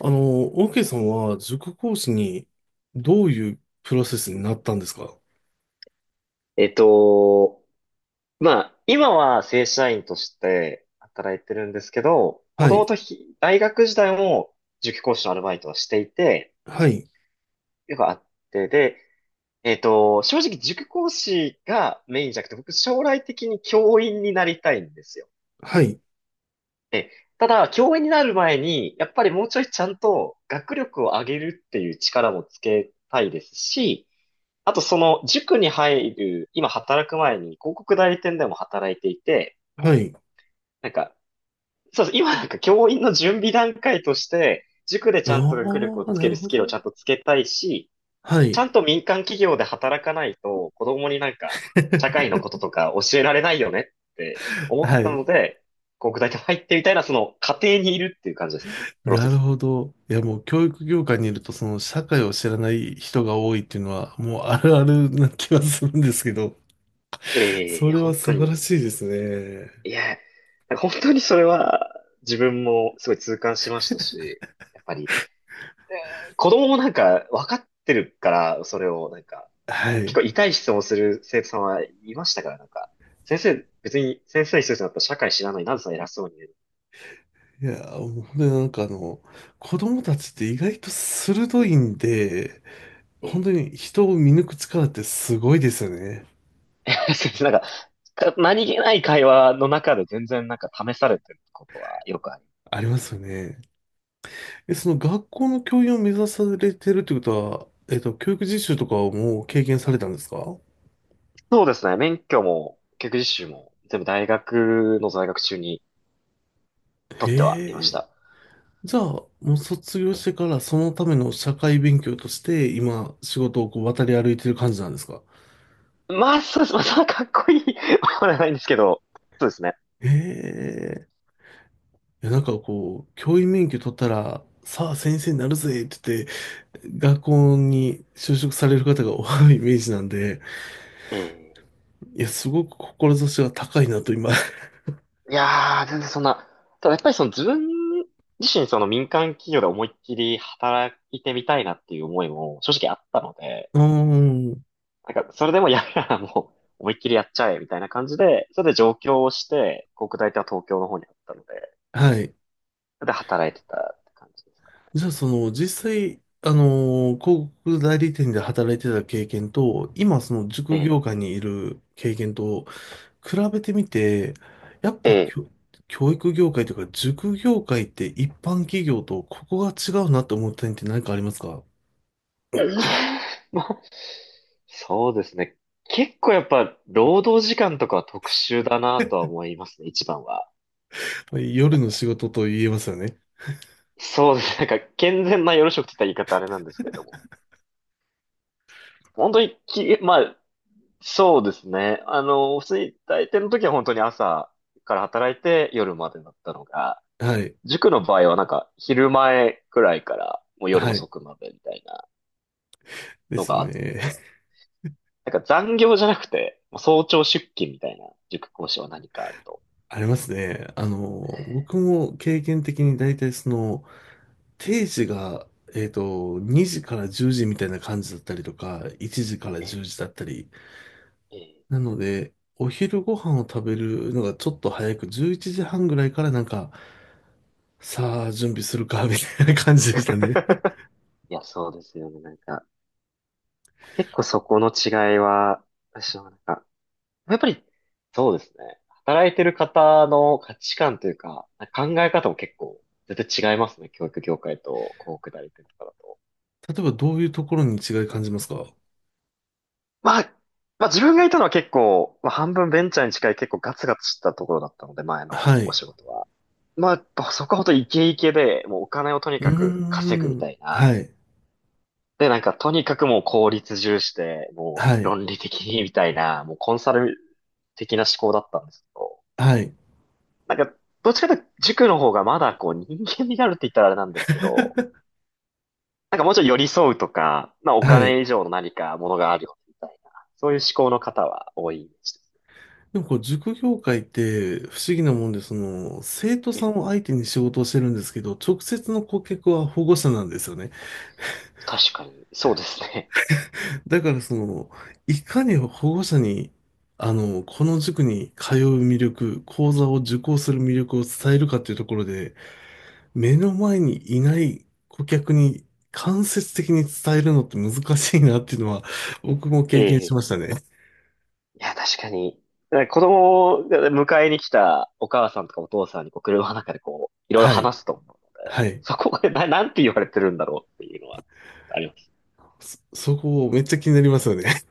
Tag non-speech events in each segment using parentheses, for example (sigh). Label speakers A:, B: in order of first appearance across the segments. A: あの、オーケーさんは塾講師にどういうプロセスになったんですか？
B: えっと、今は正社員として働いてるんですけど、も
A: は
B: とも
A: い、
B: と大学時代も塾講師のアルバイトはしていて、
A: はい、
B: よくあって、で、正直塾講師がメインじゃなくて、僕将来的に教員になりたいんですよ。
A: はい、
B: で、ただ、教員になる前に、やっぱりもうちょいちゃんと学力を上げるっていう力もつけたいですし、あとその塾に入る、今働く前に広告代理店でも働いていて、
A: はい。
B: なんか、そうです。今教員の準備段階として、塾で
A: あ
B: ちゃんと学力を
A: あ、
B: つ
A: な
B: ける
A: る
B: ス
A: ほ
B: キルをち
A: ど。
B: ゃんとつけたいし、
A: は
B: ち
A: い。
B: ゃんと民間企業で働かないと、子供に社会
A: (laughs)
B: のこととか教えられないよねって思っ
A: は
B: たの
A: い。
B: で、こう具体的に入ってみたいな、その過程にいるっていう感じですね。プロ
A: な
B: セ
A: る
B: スの。
A: ほど。いや、もう教育業界にいると、その社会を知らない人が多いっていうのは、もうあるあるな気はするんですけど、
B: え
A: (laughs)
B: え、い
A: そ
B: や
A: れは
B: 本当
A: 素晴
B: に。
A: らしいですね。
B: いや、本当にそれは自分もすごい痛感しましたし、やっぱり子供も分かってるから、それを
A: は
B: 結
A: い。
B: 構痛い質問する生徒さんはいましたから、先生、別に先生にするとなったら社会知らない、なぜそんな偉そうに言うの。
A: いや、もう本当になんか子供たちって意外と鋭いんで、
B: え
A: 本
B: え。
A: 当に人を見抜く力ってすごいですよね。
B: (laughs) 先生何気ない会話の中で全然試されてることはよくあります。
A: ありますよね。え、その学校の教員を目指されてるってことは、教育実習とかをもう経験されたんですか？
B: そうですね、免許も、教育実習も、全部大学の在学中に取ってはいまし
A: へえ。
B: た。
A: じゃあ、もう卒業してからそのための社会勉強として今仕事をこう渡り歩いてる感じなんですか？
B: まあ、そうです。まあ、そんなかっこいいものでは (laughs) ないんですけど、そうですね。
A: へえ。いや、なんかこう、教員免許取ったら、さあ先生になるぜって言って、学校に就職される方が多いイメージなんで、
B: ええ、
A: いや、すごく志が高いなと今。(laughs)
B: いやー、全然そんな。ただやっぱりその自分自身その民間企業で思いっきり働いてみたいなっていう思いも正直あったので、
A: うーん。
B: それでもやるならもう思いっきりやっちゃえみたいな感じで、それで上京をして、国大とは東京の方にあったので、
A: はい。
B: それで働いてたって感じですか。
A: じゃあ、その、実際、広告代理店で働いてた経験と、今、その、
B: え
A: 塾
B: え、
A: 業界にいる経験と、比べてみて、やっ
B: え
A: ぱ
B: え。
A: 教、きょ教育業界というか、塾業界って一般企業と、ここが違うなって思った点って何かありますか？
B: (laughs) もう、そうですね。結構やっぱ労働時間とかは特殊だなとは思いますね、一番は。
A: 夜の仕事と言えますよね。
B: そうですね。健全な夜職って言ったら言い方あれなんですけれども。本当にき、まあ、そうですね。あの、普通に大抵の時は本当に朝から働いて夜までだったのが、
A: はい。
B: 塾の場合は昼前くらいからもう夜
A: は
B: 遅
A: い。
B: くまでみたいな
A: で
B: の
A: す
B: があっ、
A: ね。
B: 残業じゃなくて、もう早朝出勤みたいな塾講師は何かあると。
A: (laughs) ありますね。
B: え
A: 僕も経験的に大体その、定時が、えっと、2時から10時みたいな感じだったりとか、1時から
B: ー、
A: 10
B: え
A: 時だったり。
B: ー、えー、
A: なので、お昼ご飯を食べるのがちょっと早く、11時半ぐらいからなんか、さあ、準備するか、みたいな感じでしたね。(laughs)
B: いや、そうですよね。結構そこの違いは、私はやっぱり、そうですね。働いてる方の価値観というか、考え方も結構、絶対違いますね。教育業界と広告代理店とかだと。
A: 例えばどういうところに違い感じますか？
B: まあ、まあ自分がいたのは結構、まあ半分ベンチャーに近い結構ガツガツしたところだったので、前の
A: は
B: お
A: い。
B: 仕事は。まあ、やっぱそこはほんとイケイケで、もうお金をとに
A: うー
B: かく稼ぐみ
A: ん。
B: たいな。
A: はい。
B: で、とにかくもう効率重視で、も
A: は
B: う
A: い。
B: 論理的にみたいな、もうコンサル的な思考だったんですけど。
A: はい。
B: なんか、どっちかというと塾の方がまだこう人間味があるって言ったらあれなんですけど、もうちょい寄り添うとか、まあお
A: はい。
B: 金以上の何かものがあるよねみたいな、そういう思考の方は多いです
A: でもこう、塾業界って不思議なもんで、その、生徒
B: ね。
A: さ
B: え、
A: んを相手に仕事をしてるんですけど、直接の顧客は保護者なんですよね。
B: 確かに、そうですね。
A: だからその、いかに保護者に、この塾に通う魅力、講座を受講する魅力を伝えるかっていうところで、目の前にいない顧客に間接的に伝えるのって難しいなっていうのは、(laughs) 僕も
B: (laughs) え
A: 経験し
B: え。
A: ましたね。
B: いや、確かに。だから子供を迎えに来たお母さんとかお父さんにこう車の中でこう、いろいろ
A: はい。
B: 話すと思うので、
A: はい。
B: そこでなんて言われてるんだろうっていうのはあります。
A: そこめっちゃ気になりますよね。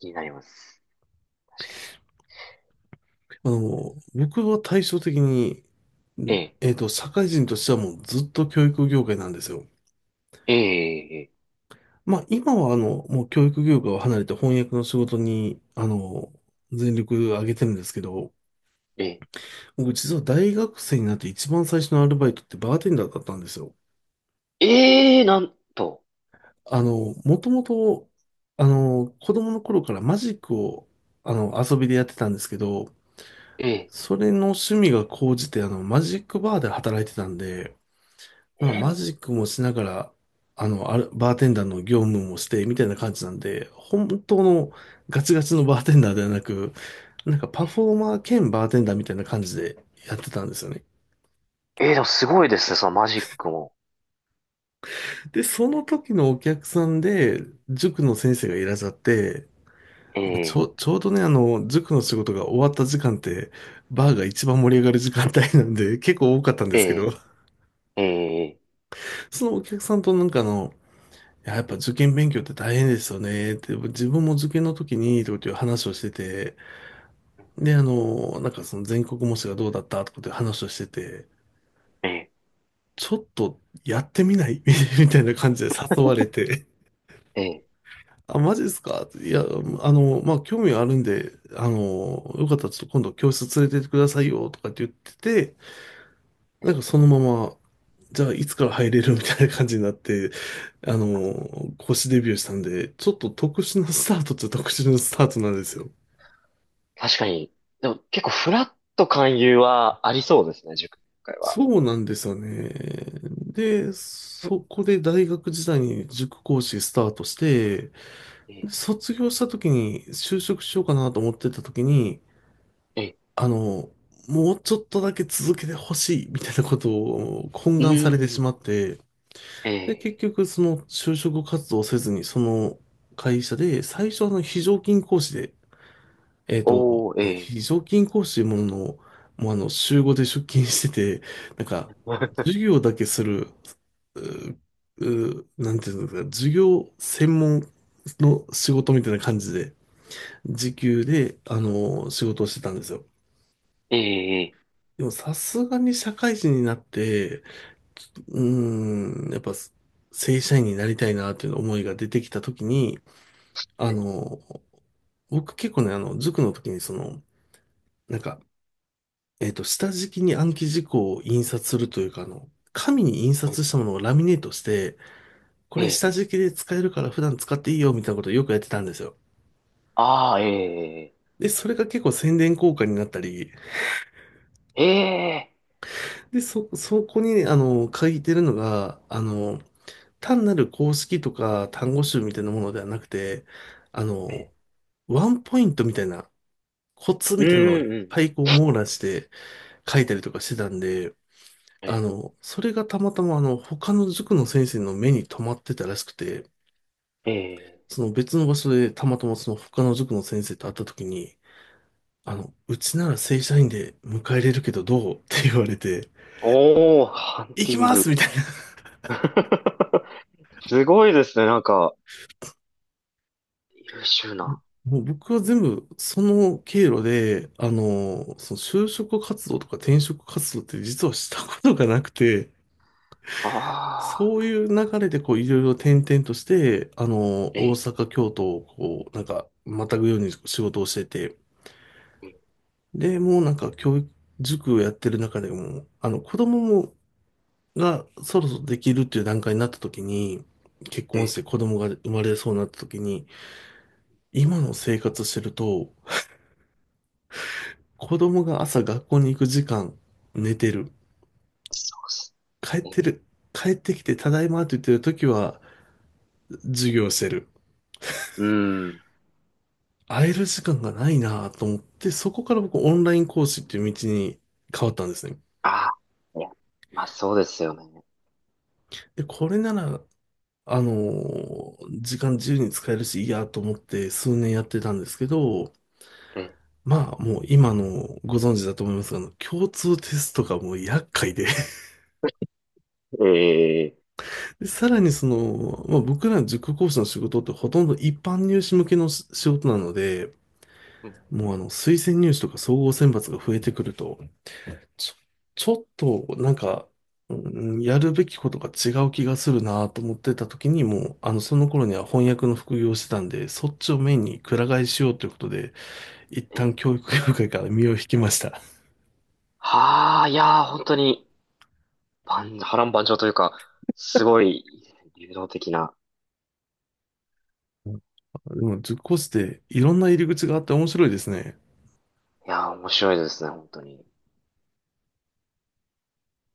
B: 気になります。確か
A: (laughs) 僕は対照的に、
B: に。え
A: 社会人としてはもうずっと教育業界なんですよ。
B: え、ええ、
A: まあ、今は、もう教育業界を離れて翻訳の仕事に、全力を挙げてるんですけど、
B: ええ、
A: 僕実は大学生になって一番最初のアルバイトってバーテンダーだったんですよ。
B: ええ、ええ、なんと。
A: もともと、子供の頃からマジックを、遊びでやってたんですけど、
B: ええ、
A: それの趣味が高じて、マジックバーで働いてたんで、まあ、マ
B: え
A: ジックもしながら、あの、ある、バーテンダーの業務もして、みたいな感じなんで、本当のガチガチのバーテンダーではなく、なんか
B: え、
A: パ
B: え
A: フォーマー兼バーテンダーみたいな感じでやってたんですよね。
B: え、でもすごいですね、そのマジックも。
A: で、その時のお客さんで、塾の先生がいらっしゃって、
B: ええ、
A: ちょうどね、塾の仕事が終わった時間って、バーが一番盛り上がる時間帯なんで、結構多かったんで
B: え
A: すけど、
B: え、ええ、
A: そのお客さんとなんかいや、やっぱ受験勉強って大変ですよね。って自分も受験の時にとかっていう話をしてて、で、なんかその全国模試がどうだったとかっていう話をしてて、
B: ええ、
A: ちょっとやってみない (laughs) みたいな感じで誘われて、
B: ええ、
A: あ、マジですかっていや、まあ、興味はあるんで、よかったらちょっと今度教室連れてってくださいよとかって言ってて、なんかそのままじゃあ、いつから入れるみたいな感じになって、あの、公式デビューしたんで、ちょっと特殊なスタートっちゃ特殊なスタートなんですよ。
B: 確かに。でも結構フラット勧誘はありそうですね、塾今回は。
A: そうなんですよね。で、
B: ふ、
A: そこで大学時代に塾講師スタートして、
B: ええ、
A: 卒業した時に就職しようかなと思ってた時に、
B: ええ、
A: あの、もうちょっとだけ続けてほしいみたいなことを懇
B: う
A: 願されて
B: ー
A: し
B: ん、
A: まって、
B: え
A: で、結
B: え、
A: 局、その就職活動をせずに、その会社で、最初、非常勤講師で、えっと、
B: おー、え
A: まあ、
B: え、
A: 非常勤講師というものの、もう週5で出勤してて、なんか、授
B: (laughs)
A: 業だけする、なんていうんですか、授業専門の仕事みたいな感じで、時給で、仕事をしてたんですよ。
B: ええ、
A: でも、さすがに社会人になって、うやっぱ正社員になりたいなという思いが出てきたときに、あ
B: ええ、
A: の、僕結構ね、塾の時にその、なんか、下敷きに暗記事項を印刷するというか、紙に印刷したものをラミネートして、こ
B: え
A: れ
B: え、
A: 下敷きで使えるから普段使っていいよみたいなことをよくやってたんですよ。
B: ああー、え
A: で、それが結構宣伝効果になったり、
B: え、ええ、
A: で、そこにね、書いてるのが、単なる公式とか単語集みたいなものではなくて、あ
B: ええ、
A: の、ワンポイントみたいな、コツ
B: う
A: みたいなのをいっ
B: ーん、うん、
A: ぱいこう網羅して書いたりとかしてたんで、
B: え
A: それがたまたま他の塾の先生の目に留まってたらしくて、
B: え、ええ、
A: その別の場所でたまたまその他の塾の先生と会った時に、うちなら正社員で迎え入れるけどどうって言われて、
B: おー、ハン
A: 行
B: テ
A: き
B: ィン
A: ます
B: グ。
A: みたいな。
B: (laughs) すごいですね、優秀な。
A: もう僕は全部その経路で、その就職活動とか転職活動って実はしたことがなくて、
B: あ
A: そうい
B: あ、
A: う流れでこういろいろ転々として、
B: え
A: 大
B: え、
A: 阪、京都をこう、なんか、またぐように仕事をしてて、
B: ええ、
A: で、もうなんか塾をやってる中でも、あの、子供も、がそろそろできるっていう段階になった時に、結婚し
B: ええ、
A: て子供が生まれそうになった時に、今の生活してると、子供が朝学校に行く時間、寝てる。
B: そ
A: 帰っ
B: うっす
A: て
B: ね。
A: る。帰ってきて、ただいまって言ってる時は、授業してる。
B: うん。
A: 会える時間がないなと思って、そこから僕オンライン講師っていう道に変わったんですね。
B: ああ、いや、まあそうですよね。
A: で、これなら、あのー時間自由に使えるし、いいやと思って数年やってたんですけど、
B: ええ、
A: まあもう今のご存知だと思いますが、あの共通テストがもう厄介で
B: ええ、
A: (laughs) で、さらにその、まあ、僕らの塾講師の仕事ってほとんど一般入試向けの仕事なので、
B: うん、
A: もうあの推薦入試とか総合選抜が増えてくると、ちょ、ちょっと、なんか、うんやるべきことが違う気がするなと思ってた時に、もう、その頃には翻訳の副業をしてたんで、そっちをメインにくら替えしようということで、一
B: え
A: 旦
B: え。
A: 教育業界から身を引きました。
B: はあ、いやー、本当に、万波乱万丈というか、すごい、流動的な。
A: でも、塾講師っていろんな入り口があって面白いですね。
B: いやー、面白いですね、本当に。